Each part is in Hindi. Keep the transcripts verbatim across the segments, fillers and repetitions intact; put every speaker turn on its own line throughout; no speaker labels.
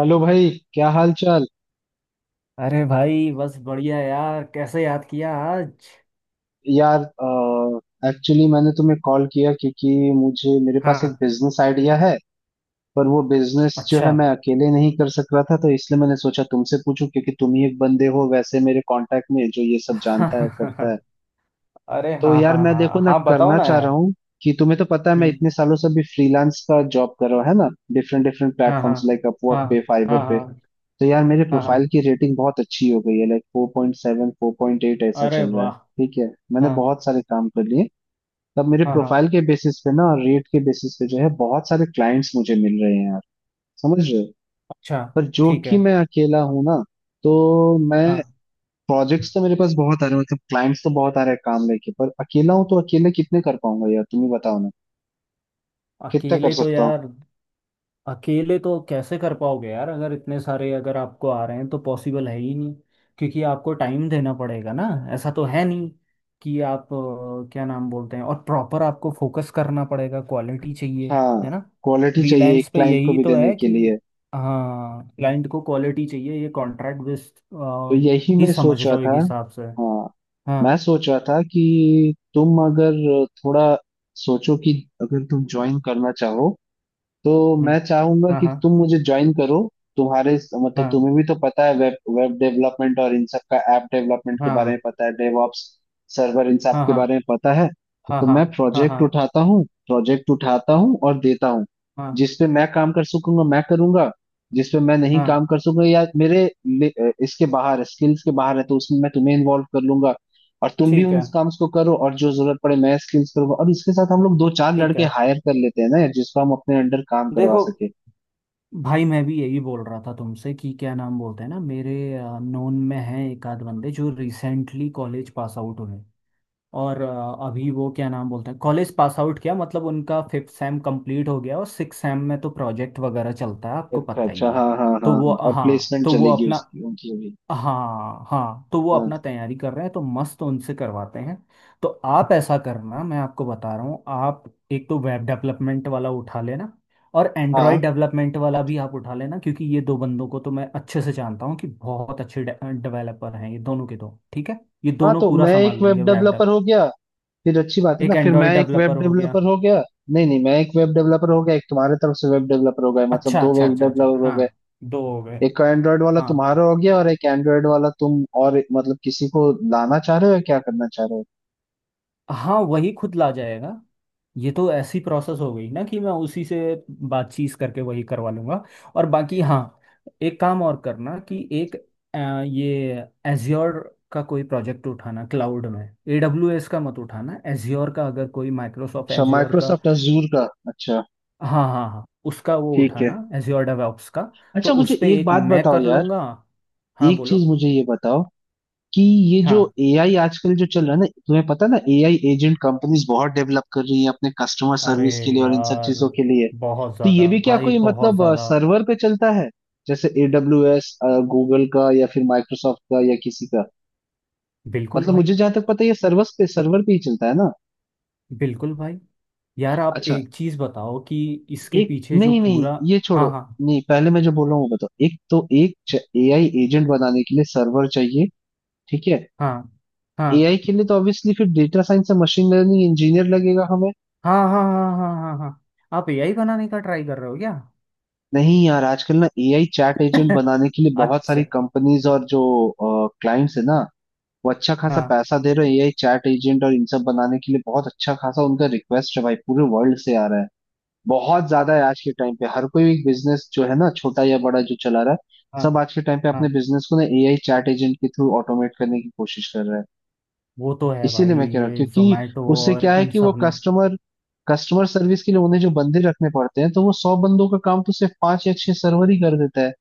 हेलो भाई, क्या हाल चाल।
अरे भाई बस बढ़िया यार। कैसे याद किया आज।
यार, एक्चुअली मैंने तुम्हें कॉल किया क्योंकि मुझे, मेरे पास एक
हाँ।
बिजनेस आइडिया है। पर वो बिजनेस जो है
अच्छा।
मैं अकेले नहीं कर सक रहा था, तो इसलिए मैंने सोचा तुमसे पूछूं क्योंकि तुम ही एक बंदे हो वैसे मेरे कांटेक्ट में जो ये सब जानता है, करता है।
अरे
तो
हाँ
यार,
हाँ
मैं देखो
हाँ
ना
हाँ, बताओ
करना
ना
चाह रहा
यार।
हूँ कि तुम्हें तो पता है मैं
हम्म।
इतने सालों से भी फ्रीलांस का जॉब कर रहा हूँ, है ना। डिफरेंट डिफरेंट
हाँ हाँ
प्लेटफॉर्म्स, लाइक अपवर्क
हाँ
पे, फाइवर
हाँ
पे।
हाँ
तो यार मेरे
हाँ
प्रोफाइल
हाँ।
की रेटिंग बहुत अच्छी हो गई है, like four point seven four point eight ऐसा
अरे
चल रहा है।
वाह।
ठीक है, मैंने
हाँ
बहुत सारे काम कर लिए तब। मेरे
हाँ हाँ।
प्रोफाइल के बेसिस पे ना और रेट के बेसिस पे जो है, बहुत सारे क्लाइंट्स मुझे मिल रहे हैं यार, समझ रहे हो।
अच्छा।
पर जो
ठीक
कि
है।
मैं अकेला हूँ ना, तो मैं,
हाँ।
प्रोजेक्ट्स तो मेरे पास बहुत आ रहे हैं, मतलब क्लाइंट्स तो बहुत आ रहे हैं काम लेके, पर अकेला हूँ तो अकेले कितने कर पाऊंगा यार, तुम ही बताओ ना, कितना कर
अकेले तो
सकता हूँ।
यार, अकेले तो कैसे कर पाओगे यार। अगर इतने सारे अगर आपको आ रहे हैं तो पॉसिबल है ही नहीं। क्योंकि आपको टाइम देना पड़ेगा ना। ऐसा तो है नहीं कि आप अ, क्या नाम बोलते हैं। और प्रॉपर आपको फोकस करना पड़ेगा, क्वालिटी चाहिए,
हाँ,
है ना।
क्वालिटी चाहिए एक
फ्रीलांस पे
क्लाइंट को
यही
भी
तो
देने
है
के लिए।
कि हाँ, क्लाइंट को क्वालिटी चाहिए। ये कॉन्ट्रैक्ट बेस्ड
तो यही
ही
मैं
समझ
सोच रहा
लो एक
था।
हिसाब से।
हाँ, मैं
हाँ।
सोच रहा था कि तुम अगर थोड़ा सोचो कि अगर तुम ज्वाइन करना चाहो, तो
हम्म।
मैं चाहूंगा
हाँ
कि
हाँ
तुम मुझे ज्वाइन करो। तुम्हारे मतलब
हाँ
तुम्हें भी तो पता है वेब वेब डेवलपमेंट और इन सब का, ऐप डेवलपमेंट के बारे में
हाँ
पता है, डेवऑप्स, सर्वर, इन सब
हाँ
के
हाँ
बारे में पता है।
हाँ
तो
हाँ
मैं
हाँ
प्रोजेक्ट
हाँ
उठाता हूँ प्रोजेक्ट उठाता हूँ और देता हूँ।
हाँ
जिस पे मैं काम कर सकूंगा मैं करूंगा, जिस पे मैं नहीं
हाँ।
काम कर सकूंगा या मेरे ले- इसके बाहर, स्किल्स के बाहर है, तो उसमें मैं तुम्हें इन्वॉल्व कर लूंगा। और तुम भी
ठीक
उन
है।
काम्स को करो, और जो जरूरत पड़े मैं स्किल्स करूंगा, और इसके साथ हम लोग दो चार
ठीक
लड़के
है।
हायर कर लेते हैं ना यार, जिसको हम अपने अंडर काम करवा
देखो
सके।
भाई, मैं भी यही बोल रहा था तुमसे कि क्या नाम बोलते हैं ना, मेरे नोन में हैं एक आध बंदे जो रिसेंटली कॉलेज पास आउट हुए। और अ, अभी वो क्या नाम बोलते हैं, कॉलेज पास आउट किया मतलब उनका फिफ्थ सेम कंप्लीट हो गया और सिक्स सेम में तो प्रोजेक्ट वगैरह चलता है, आपको
अच्छा
पता
अच्छा,
ही
हाँ
है।
हाँ हाँ
तो वो
हाँ, और
हाँ,
प्लेसमेंट
तो वो
चलेगी
अपना
उसकी, उनकी भी।
हाँ हाँ, तो वो
हाँ
अपना तैयारी कर रहे हैं, तो मस्त उनसे करवाते हैं। तो आप ऐसा करना, मैं आपको बता रहा हूँ, आप एक तो वेब डेवलपमेंट वाला उठा लेना और एंड्रॉयड
हाँ
डेवलपमेंट वाला भी आप उठा लेना, क्योंकि ये दो बंदों को तो मैं अच्छे से जानता हूँ कि बहुत अच्छे डेवलपर हैं ये दोनों के दो, ठीक है। ये
हाँ,
दोनों
तो
पूरा
मैं एक
संभाल
वेब
लेंगे वेब
डेवलपर
डेव।
हो गया। फिर अच्छी बात है ना,
एक
फिर मैं
एंड्रॉयड
एक वेब
डेवलपर हो गया।
डेवलपर हो गया। नहीं नहीं, मैं एक वेब डेवलपर हो गया, एक तुम्हारे तरफ से वेब डेवलपर हो गया, मतलब
अच्छा
दो
अच्छा
वेब
अच्छा अच्छा,
डेवलपर हो गए।
हाँ। दो हो गए।
एक का एंड्रॉयड वाला
हाँ
तुम्हारा हो गया, और एक एंड्रॉयड वाला तुम और एक- मतलब किसी को लाना चाह रहे हो या क्या करना चाह रहे हो।
हाँ, वही खुद ला जाएगा। ये तो ऐसी प्रोसेस हो गई ना कि मैं उसी से बातचीत करके वही करवा लूंगा। और बाकी हाँ, एक काम और करना कि एक अ, ये एज्योर का कोई प्रोजेक्ट उठाना क्लाउड में, A W S का मत उठाना, एज्योर का, अगर कोई माइक्रोसॉफ्ट
अच्छा,
एज्योर का।
माइक्रोसॉफ्ट अजूर का, अच्छा।
हाँ हाँ हाँ, उसका वो
ठीक है।
उठाना एज्योर डेवऑप्स का। तो
अच्छा मुझे
उस पे
एक
एक
बात
मैं
बताओ
कर
यार,
लूँगा। हाँ
एक
बोलो।
चीज मुझे ये बताओ कि ये जो
हाँ।
एआई आजकल जो चल रहा है ना, तुम्हें पता है ना, एआई एजेंट कंपनीज बहुत डेवलप कर रही हैं अपने कस्टमर
अरे
सर्विस के लिए और इन सब
यार,
चीजों के लिए।
बहुत
तो ये
ज़्यादा
भी क्या
भाई,
कोई
बहुत
मतलब
ज़्यादा।
सर्वर पे चलता है जैसे एडब्ल्यू एस, गूगल का या फिर माइक्रोसॉफ्ट का या किसी का।
बिल्कुल
मतलब
भाई।
मुझे जहां तक पता है ये सर्वर पे सर्वर पे ही चलता है ना।
बिल्कुल भाई। यार आप
अच्छा,
एक चीज बताओ कि इसके
एक,
पीछे जो
नहीं नहीं,
पूरा,
ये
हाँ
छोड़ो।
हाँ
नहीं, पहले मैं जो बोल रहा हूँ वो बताओ। एक तो एक एआई एजेंट बनाने के लिए सर्वर चाहिए, ठीक है।
हाँ
एआई के लिए तो ऑब्वियसली फिर डेटा साइंस या मशीन लर्निंग इंजीनियर लगेगा हमें।
हाँ हाँ हाँ हाँ हाँ हाँ हाँ हाँ। आप एआई बनाने का ट्राई कर रहे हो क्या।
नहीं यार, आजकल ना एआई चैट एजेंट बनाने के लिए बहुत सारी
अच्छा।
कंपनीज और जो क्लाइंट्स है ना, वो अच्छा खासा
हाँ
पैसा दे रहे हैं। एआई चैट एजेंट और इन सब बनाने के लिए बहुत अच्छा खासा उनका रिक्वेस्ट है भाई, पूरे वर्ल्ड से आ रहा है। बहुत ज्यादा है आज के टाइम पे। हर कोई एक बिजनेस जो है ना, छोटा या बड़ा जो चला रहा है,
हाँ
सब आज के टाइम पे
हाँ।
अपने बिजनेस को ना एआई चैट एजेंट के थ्रू ऑटोमेट करने की कोशिश कर रहा है।
वो तो है
इसीलिए
भाई,
मैं कह रहा हूँ
ये
क्योंकि
जोमेटो
उससे
और
क्या है
इन
कि वो
सब ने।
कस्टमर कस्टमर सर्विस के लिए उन्हें जो बंदे रखने पड़ते हैं, तो वो सौ बंदों का काम तो सिर्फ पांच या छह सर्वर ही कर देता है।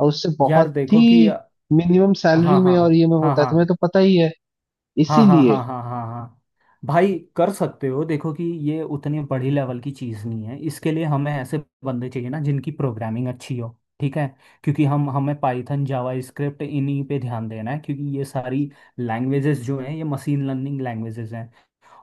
और उससे
यार
बहुत
देखो कि
ही मिनिमम सैलरी
हाँ। हाँ
में, और ये में
हाँ
होता है,
हाँ
तुम्हें तो पता ही है।
हाँ हाँ
इसीलिए।
हाँ हाँ हाँ हाँ। भाई कर सकते हो, देखो कि ये उतनी बड़ी लेवल की चीज़ नहीं है, इसके लिए हमें ऐसे बंदे चाहिए ना जिनकी प्रोग्रामिंग अच्छी हो। ठीक है। क्योंकि हम हमें पाइथन जावा स्क्रिप्ट इन्हीं पे ध्यान देना है क्योंकि ये सारी लैंग्वेजेस जो हैं ये मशीन लर्निंग लैंग्वेजेस हैं।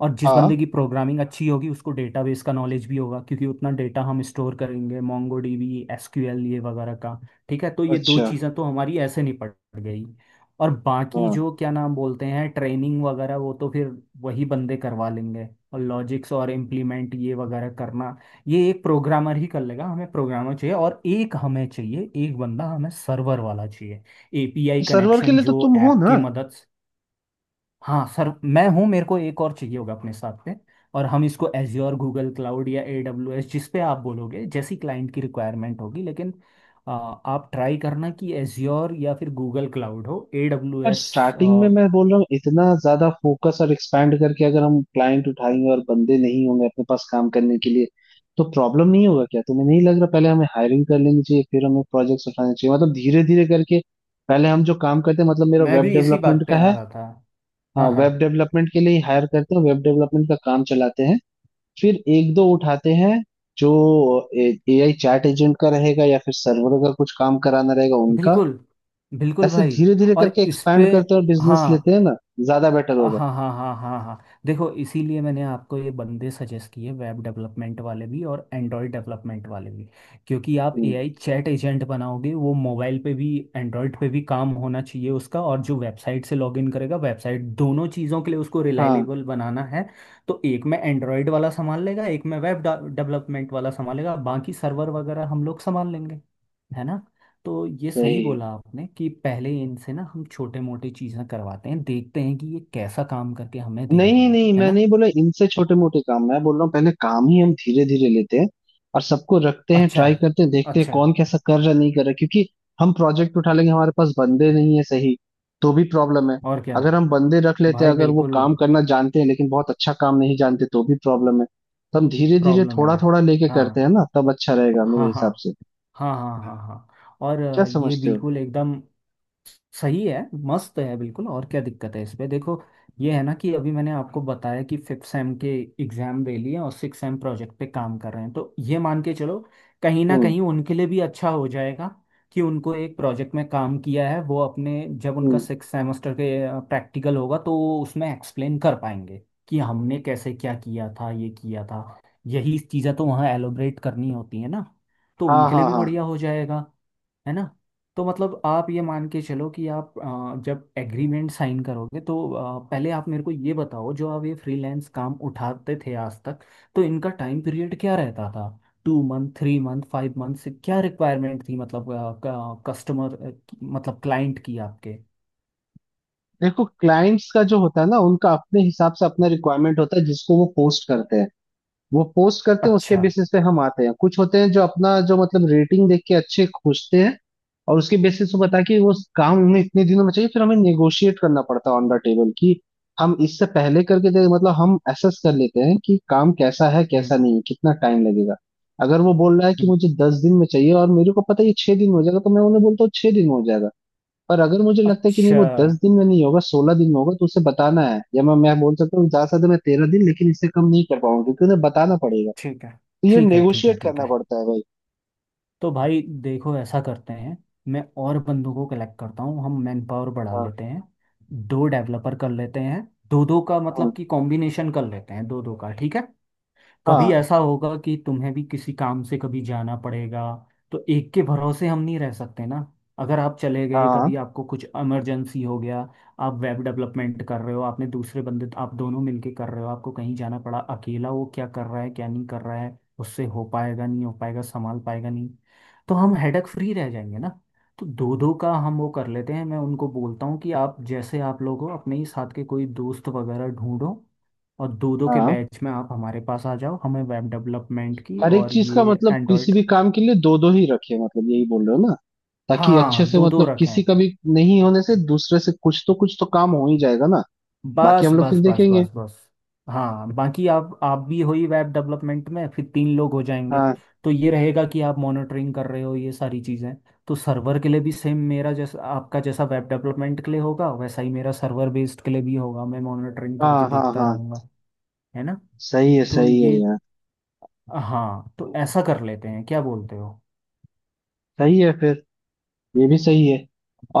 और जिस
हाँ,
बंदे की प्रोग्रामिंग अच्छी होगी उसको डेटाबेस का नॉलेज भी होगा क्योंकि उतना डेटा हम स्टोर करेंगे मोंगो डीबी एसक्यूएल ये वगैरह का। ठीक है, तो ये दो
अच्छा
चीज़ें तो हमारी ऐसे निपट गई। और बाकी
हाँ,
जो क्या नाम बोलते हैं, ट्रेनिंग वगैरह, वो तो फिर वही बंदे करवा लेंगे। और लॉजिक्स और इम्प्लीमेंट ये वगैरह करना ये एक प्रोग्रामर ही कर लेगा, हमें प्रोग्रामर चाहिए और एक हमें चाहिए, एक बंदा हमें सर्वर वाला चाहिए। एपीआई
सर्वर के
कनेक्शन
लिए तो
जो
तुम हो
ऐप
ना।
की मदद। हाँ सर, मैं हूँ, मेरे को एक और चाहिए होगा अपने साथ पे। और हम इसको एज्योर, गूगल क्लाउड या ए डब्ल्यू एस, जिस पे आप बोलोगे, जैसी क्लाइंट की रिक्वायरमेंट होगी, लेकिन आ, आप ट्राई करना कि एज्योर या फिर गूगल क्लाउड हो, ए डब्ल्यू
पर
एस।
स्टार्टिंग में मैं बोल रहा हूँ, इतना ज्यादा फोकस और एक्सपैंड करके अगर हम क्लाइंट उठाएंगे और बंदे नहीं होंगे अपने पास काम करने के लिए, तो प्रॉब्लम नहीं होगा क्या, तुम्हें नहीं लग रहा। पहले हमें हायरिंग कर लेनी चाहिए फिर हमें प्रोजेक्ट्स उठाने चाहिए, मतलब धीरे धीरे करके। पहले हम जो काम करते हैं, मतलब मेरा
मैं
वेब
भी इसी बात
डेवलपमेंट का
पे आ
है।
रहा था।
हाँ,
हाँ हाँ।
वेब डेवलपमेंट के लिए ही हायर करते हैं, वेब डेवलपमेंट का काम चलाते हैं। फिर एक दो उठाते हैं जो ए आई चैट एजेंट का रहेगा, या फिर सर्वर का कुछ काम कराना रहेगा उनका।
बिल्कुल। बिल्कुल
ऐसे
भाई।
धीरे धीरे
और
करके
इस
एक्सपैंड
पे,
करते हैं और बिजनेस लेते
हाँ
हैं ना, ज्यादा बेटर
हाँ
होगा।
हाँ हाँ हाँ हाँ। देखो, इसीलिए मैंने आपको ये बंदे सजेस्ट किए, वेब डेवलपमेंट वाले भी और एंड्रॉयड डेवलपमेंट वाले भी। क्योंकि आप
हम्म,
एआई चैट एजेंट बनाओगे, वो मोबाइल पे भी, एंड्रॉयड पे भी काम होना चाहिए उसका, और जो वेबसाइट से लॉगिन करेगा, वेबसाइट, दोनों चीज़ों के लिए उसको
हाँ
रिलायबल बनाना है। तो एक में एंड्रॉयड वाला संभाल लेगा, एक में वेब डेवलपमेंट वाला संभालेगा, बाकी सर्वर वगैरह हम लोग संभाल लेंगे, है ना। तो ये सही बोला
वही,
आपने कि पहले इनसे ना हम छोटे मोटे चीज़ें करवाते हैं, देखते हैं कि ये कैसा काम करके हमें दे रहे
नहीं
हैं,
नहीं,
है
मैं
ना।
नहीं बोला इनसे छोटे मोटे काम, मैं बोल रहा हूँ पहले काम ही हम धीरे धीरे लेते हैं और सबको रखते हैं,
अच्छा।
ट्राई करते हैं, देखते हैं
अच्छा।
कौन कैसा कर रहा, नहीं कर रहा, क्योंकि हम प्रोजेक्ट उठा लेंगे हमारे पास बंदे नहीं है, सही, तो भी प्रॉब्लम है।
और क्या।
अगर हम बंदे रख लेते हैं
भाई
अगर वो
बिल्कुल।
काम करना जानते हैं लेकिन बहुत अच्छा काम नहीं जानते, तो भी प्रॉब्लम है। तो हम धीरे धीरे
प्रॉब्लम है।
थोड़ा थोड़ा लेके करते
हाँ
हैं ना, तब अच्छा रहेगा मेरे
हाँ हाँ
हिसाब से।
हाँ हाँ हाँ हाँ हाँ, और
क्या
अ, ये
समझते हो।
बिल्कुल एकदम सही है, मस्त है बिल्कुल। और क्या दिक्कत है इसमें, देखो ये है ना कि अभी मैंने आपको बताया कि फिफ्थ सेम के एग्जाम दे लिए हैं और सिक्स सेम प्रोजेक्ट पे काम कर रहे हैं, तो ये मान के चलो कहीं ना
हम्म,
कहीं उनके लिए भी अच्छा हो जाएगा, कि उनको एक प्रोजेक्ट में काम किया है वो, अपने जब उनका
हम्म।
सिक्स सेमेस्टर के प्रैक्टिकल होगा तो वो उसमें एक्सप्लेन कर पाएंगे कि हमने कैसे क्या किया था, ये किया था, यही चीज़ें तो वहाँ एलोबरेट करनी होती है ना, तो
हाँ
उनके लिए
हाँ
भी
हाँ,
बढ़िया हो जाएगा, है ना। तो मतलब आप ये मान के चलो कि आप अ, जब एग्रीमेंट साइन करोगे तो अ, पहले आप मेरे को ये बताओ जो आप ये फ्रीलांस काम उठाते थे आज तक, तो इनका टाइम पीरियड क्या रहता था, two month, three month, five month से क्या रिक्वायरमेंट थी, मतलब कस्टमर, मतलब क्लाइंट की आपके।
देखो क्लाइंट्स का जो होता है ना उनका अपने हिसाब से अपना रिक्वायरमेंट होता है जिसको वो पोस्ट करते हैं। वो पोस्ट करते हैं, उसके
अच्छा।
बेसिस पे हम आते हैं। कुछ होते हैं जो अपना जो मतलब रेटिंग देख के अच्छे खोजते हैं, और उसके बेसिस पे पता है कि वो काम हमें इतने दिनों में चाहिए। फिर हमें नेगोशिएट करना पड़ता है ऑन द टेबल कि हम इससे पहले करके दे, मतलब हम असेस कर लेते हैं कि काम कैसा है
हम्म।
कैसा नहीं है, कितना टाइम लगेगा। अगर वो बोल रहा है कि
हम्म।
मुझे दस दिन में चाहिए और मेरे को पता है ये छह दिन में हो जाएगा, तो मैं उन्हें बोलता हूँ छह दिन में हो जाएगा। पर अगर मुझे लगता है कि नहीं
अच्छा।
वो दस दिन में नहीं होगा, सोलह दिन में होगा, तो उसे बताना है, या मैं मैं बोल सकता हूँ, जा सकता, मैं तेरह दिन, लेकिन इससे कम नहीं कर पाऊंगा, क्योंकि उन्हें बताना पड़ेगा।
ठीक है
तो ये
ठीक है ठीक है
नेगोशिएट
ठीक
करना
है,
पड़ता है भाई।
तो भाई देखो ऐसा करते हैं, मैं और बंदों को कलेक्ट करता हूँ, हम मैन पावर बढ़ा
हाँ,
लेते हैं, दो डेवलपर कर लेते हैं, दो दो का
हम्म,
मतलब कि कॉम्बिनेशन कर लेते हैं, दो दो का, ठीक है। कभी
हाँ
ऐसा होगा कि तुम्हें भी किसी काम से कभी जाना पड़ेगा, तो एक के भरोसे हम नहीं रह सकते ना। अगर आप चले गए,
हाँ
कभी आपको कुछ इमरजेंसी हो गया, आप वेब डेवलपमेंट कर रहे हो, आपने दूसरे बंदे आप दोनों मिलके कर रहे हो, आपको कहीं जाना पड़ा, अकेला वो क्या कर रहा है क्या नहीं कर रहा है, उससे हो पाएगा नहीं हो पाएगा संभाल पाएगा नहीं, तो हम हेडक फ्री रह जाएंगे ना। तो दो दो का हम वो कर लेते हैं, मैं उनको बोलता हूँ कि आप जैसे आप लोग हो, अपने ही साथ के कोई दोस्त वगैरह ढूंढो और दो दो के
हाँ,
बैच में आप हमारे पास आ जाओ, हमें वेब डेवलपमेंट की
हर एक
और
चीज का
ये
मतलब किसी
एंड्रॉयड।
भी काम के लिए दो दो ही रखे, मतलब यही बोल रहे हो ना, ताकि अच्छे
हाँ
से
दो दो
मतलब
रखे
किसी
हैं।
का भी नहीं होने से दूसरे से कुछ तो कुछ तो काम हो ही जाएगा ना, बाकी
बस
हम लोग फिर
बस बस
देखेंगे।
बस बस। हाँ बाकी आप आप भी हो ही वेब डेवलपमेंट में, फिर तीन लोग हो जाएंगे।
हाँ
तो ये रहेगा कि आप मॉनिटरिंग कर रहे हो ये सारी चीज़ें, तो सर्वर के लिए भी सेम मेरा जैसा, आपका जैसा वेब डेवलपमेंट के लिए होगा वैसा ही मेरा सर्वर बेस्ड के लिए भी होगा, मैं मॉनिटरिंग करके
हाँ हाँ
देखता
हाँ,
रहूँगा, है ना।
सही है
तो
सही है
ये
यार।
हाँ, तो ऐसा कर लेते हैं, क्या बोलते हो।
सही है फिर, ये भी सही है।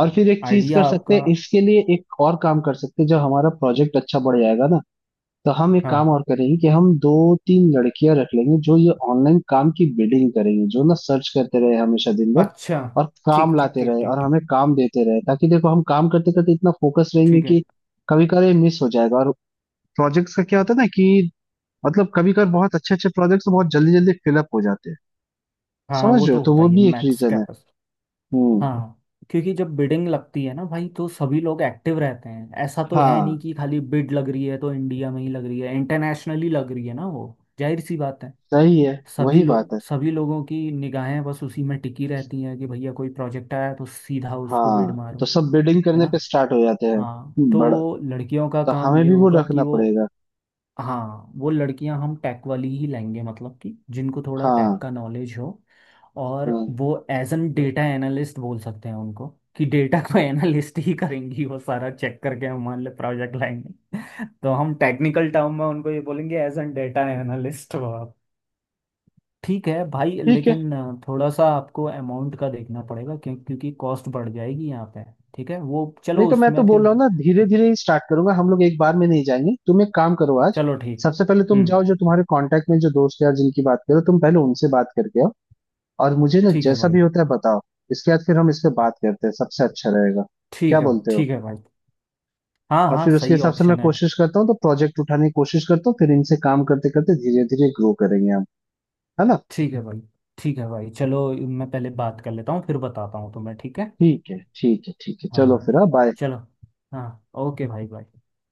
और फिर एक चीज कर
आइडिया
सकते
आपका।
हैं, इसके लिए एक और काम कर सकते हैं, जब हमारा प्रोजेक्ट अच्छा बढ़ जाएगा ना, तो हम एक
हाँ।
काम और करेंगे कि हम दो तीन लड़कियां रख लेंगे जो ये ऑनलाइन काम की बिल्डिंग करेंगी, जो ना सर्च करते रहे हमेशा दिन भर
अच्छा।
और काम
ठीक ठीक
लाते
ठीक
रहे
ठीक
और
ठीक।
हमें काम देते रहे, ताकि, देखो, हम काम करते करते इतना फोकस रहेंगे
ठीक है।
कि कभी कभार ये मिस हो जाएगा। और प्रोजेक्ट्स का क्या होता है ना कि मतलब कभी कभार बहुत अच्छे अच्छे प्रोजेक्ट्स बहुत जल्दी जल्दी फिलअप हो जाते हैं,
हाँ,
समझ
वो
रहे हो,
तो
तो
होता
वो
ही है
भी एक
मैक्स
रीजन है।
कैपस।
हम्म।
हाँ। क्योंकि जब बिडिंग लगती है ना भाई तो सभी लोग एक्टिव रहते हैं, ऐसा तो है नहीं
हाँ
कि खाली बिड लग रही है तो इंडिया में ही लग रही है, इंटरनेशनली लग रही है ना वो, जाहिर सी बात है।
सही है,
सभी
वही बात है।
लोग, सभी लोगों की निगाहें बस उसी में टिकी रहती हैं कि भैया कोई प्रोजेक्ट आया तो सीधा उसको बिड
हाँ, तो
मारो,
सब बिडिंग
है
करने
ना।
पे स्टार्ट हो जाते
हाँ
हैं
तो
बड़ा,
वो लड़कियों का
तो
काम
हमें
ये
भी वो
होगा कि
रखना
वो,
पड़ेगा।
हाँ वो लड़कियां हम टेक वाली ही लाएंगे मतलब कि जिनको थोड़ा टेक
हाँ
का नॉलेज हो, और
हाँ,
वो एज एन डेटा एनालिस्ट बोल सकते हैं उनको, कि डेटा को एनालिस्ट ही करेंगी, वो सारा चेक करके हमारे लिए प्रोजेक्ट लाएंगे। तो हम टेक्निकल टर्म में उनको ये बोलेंगे, एज एन डेटा एनालिस्ट वो, आप ठीक है भाई,
ठीक है।
लेकिन अ, थोड़ा सा आपको अमाउंट का देखना पड़ेगा क्यों, क्योंकि कॉस्ट बढ़ जाएगी यहाँ पे। ठीक है वो
नहीं
चलो
तो मैं तो
उसमें फिर।
बोल रहा हूँ ना धीरे धीरे ही स्टार्ट करूंगा, हम लोग एक बार में नहीं जाएंगे। तुम एक काम करो आज,
चलो ठीक।
सबसे पहले तुम
हम्म।
जाओ जो तुम्हारे कांटेक्ट में जो दोस्त यार जिनकी बात करो, तुम पहले उनसे बात करके आओ और मुझे ना
ठीक है
जैसा
भाई।
भी होता है बताओ। इसके बाद फिर हम इस पे बात करते हैं, सबसे अच्छा रहेगा। क्या
ठीक है
बोलते हो,
ठीक है भाई। हाँ
और
हाँ
फिर उसके
सही
हिसाब से मैं
ऑप्शन है।
कोशिश करता हूँ, तो प्रोजेक्ट उठाने की कोशिश करता हूँ, फिर इनसे काम करते करते धीरे धीरे ग्रो करेंगे हम, है ना।
ठीक है भाई। ठीक है भाई चलो मैं पहले बात कर लेता हूँ फिर बताता हूँ तुम्हें, ठीक है।
ठीक है ठीक है ठीक है, चलो
हाँ।
फिर, हाँ बाय।
चलो। हाँ। ओके भाई भाई।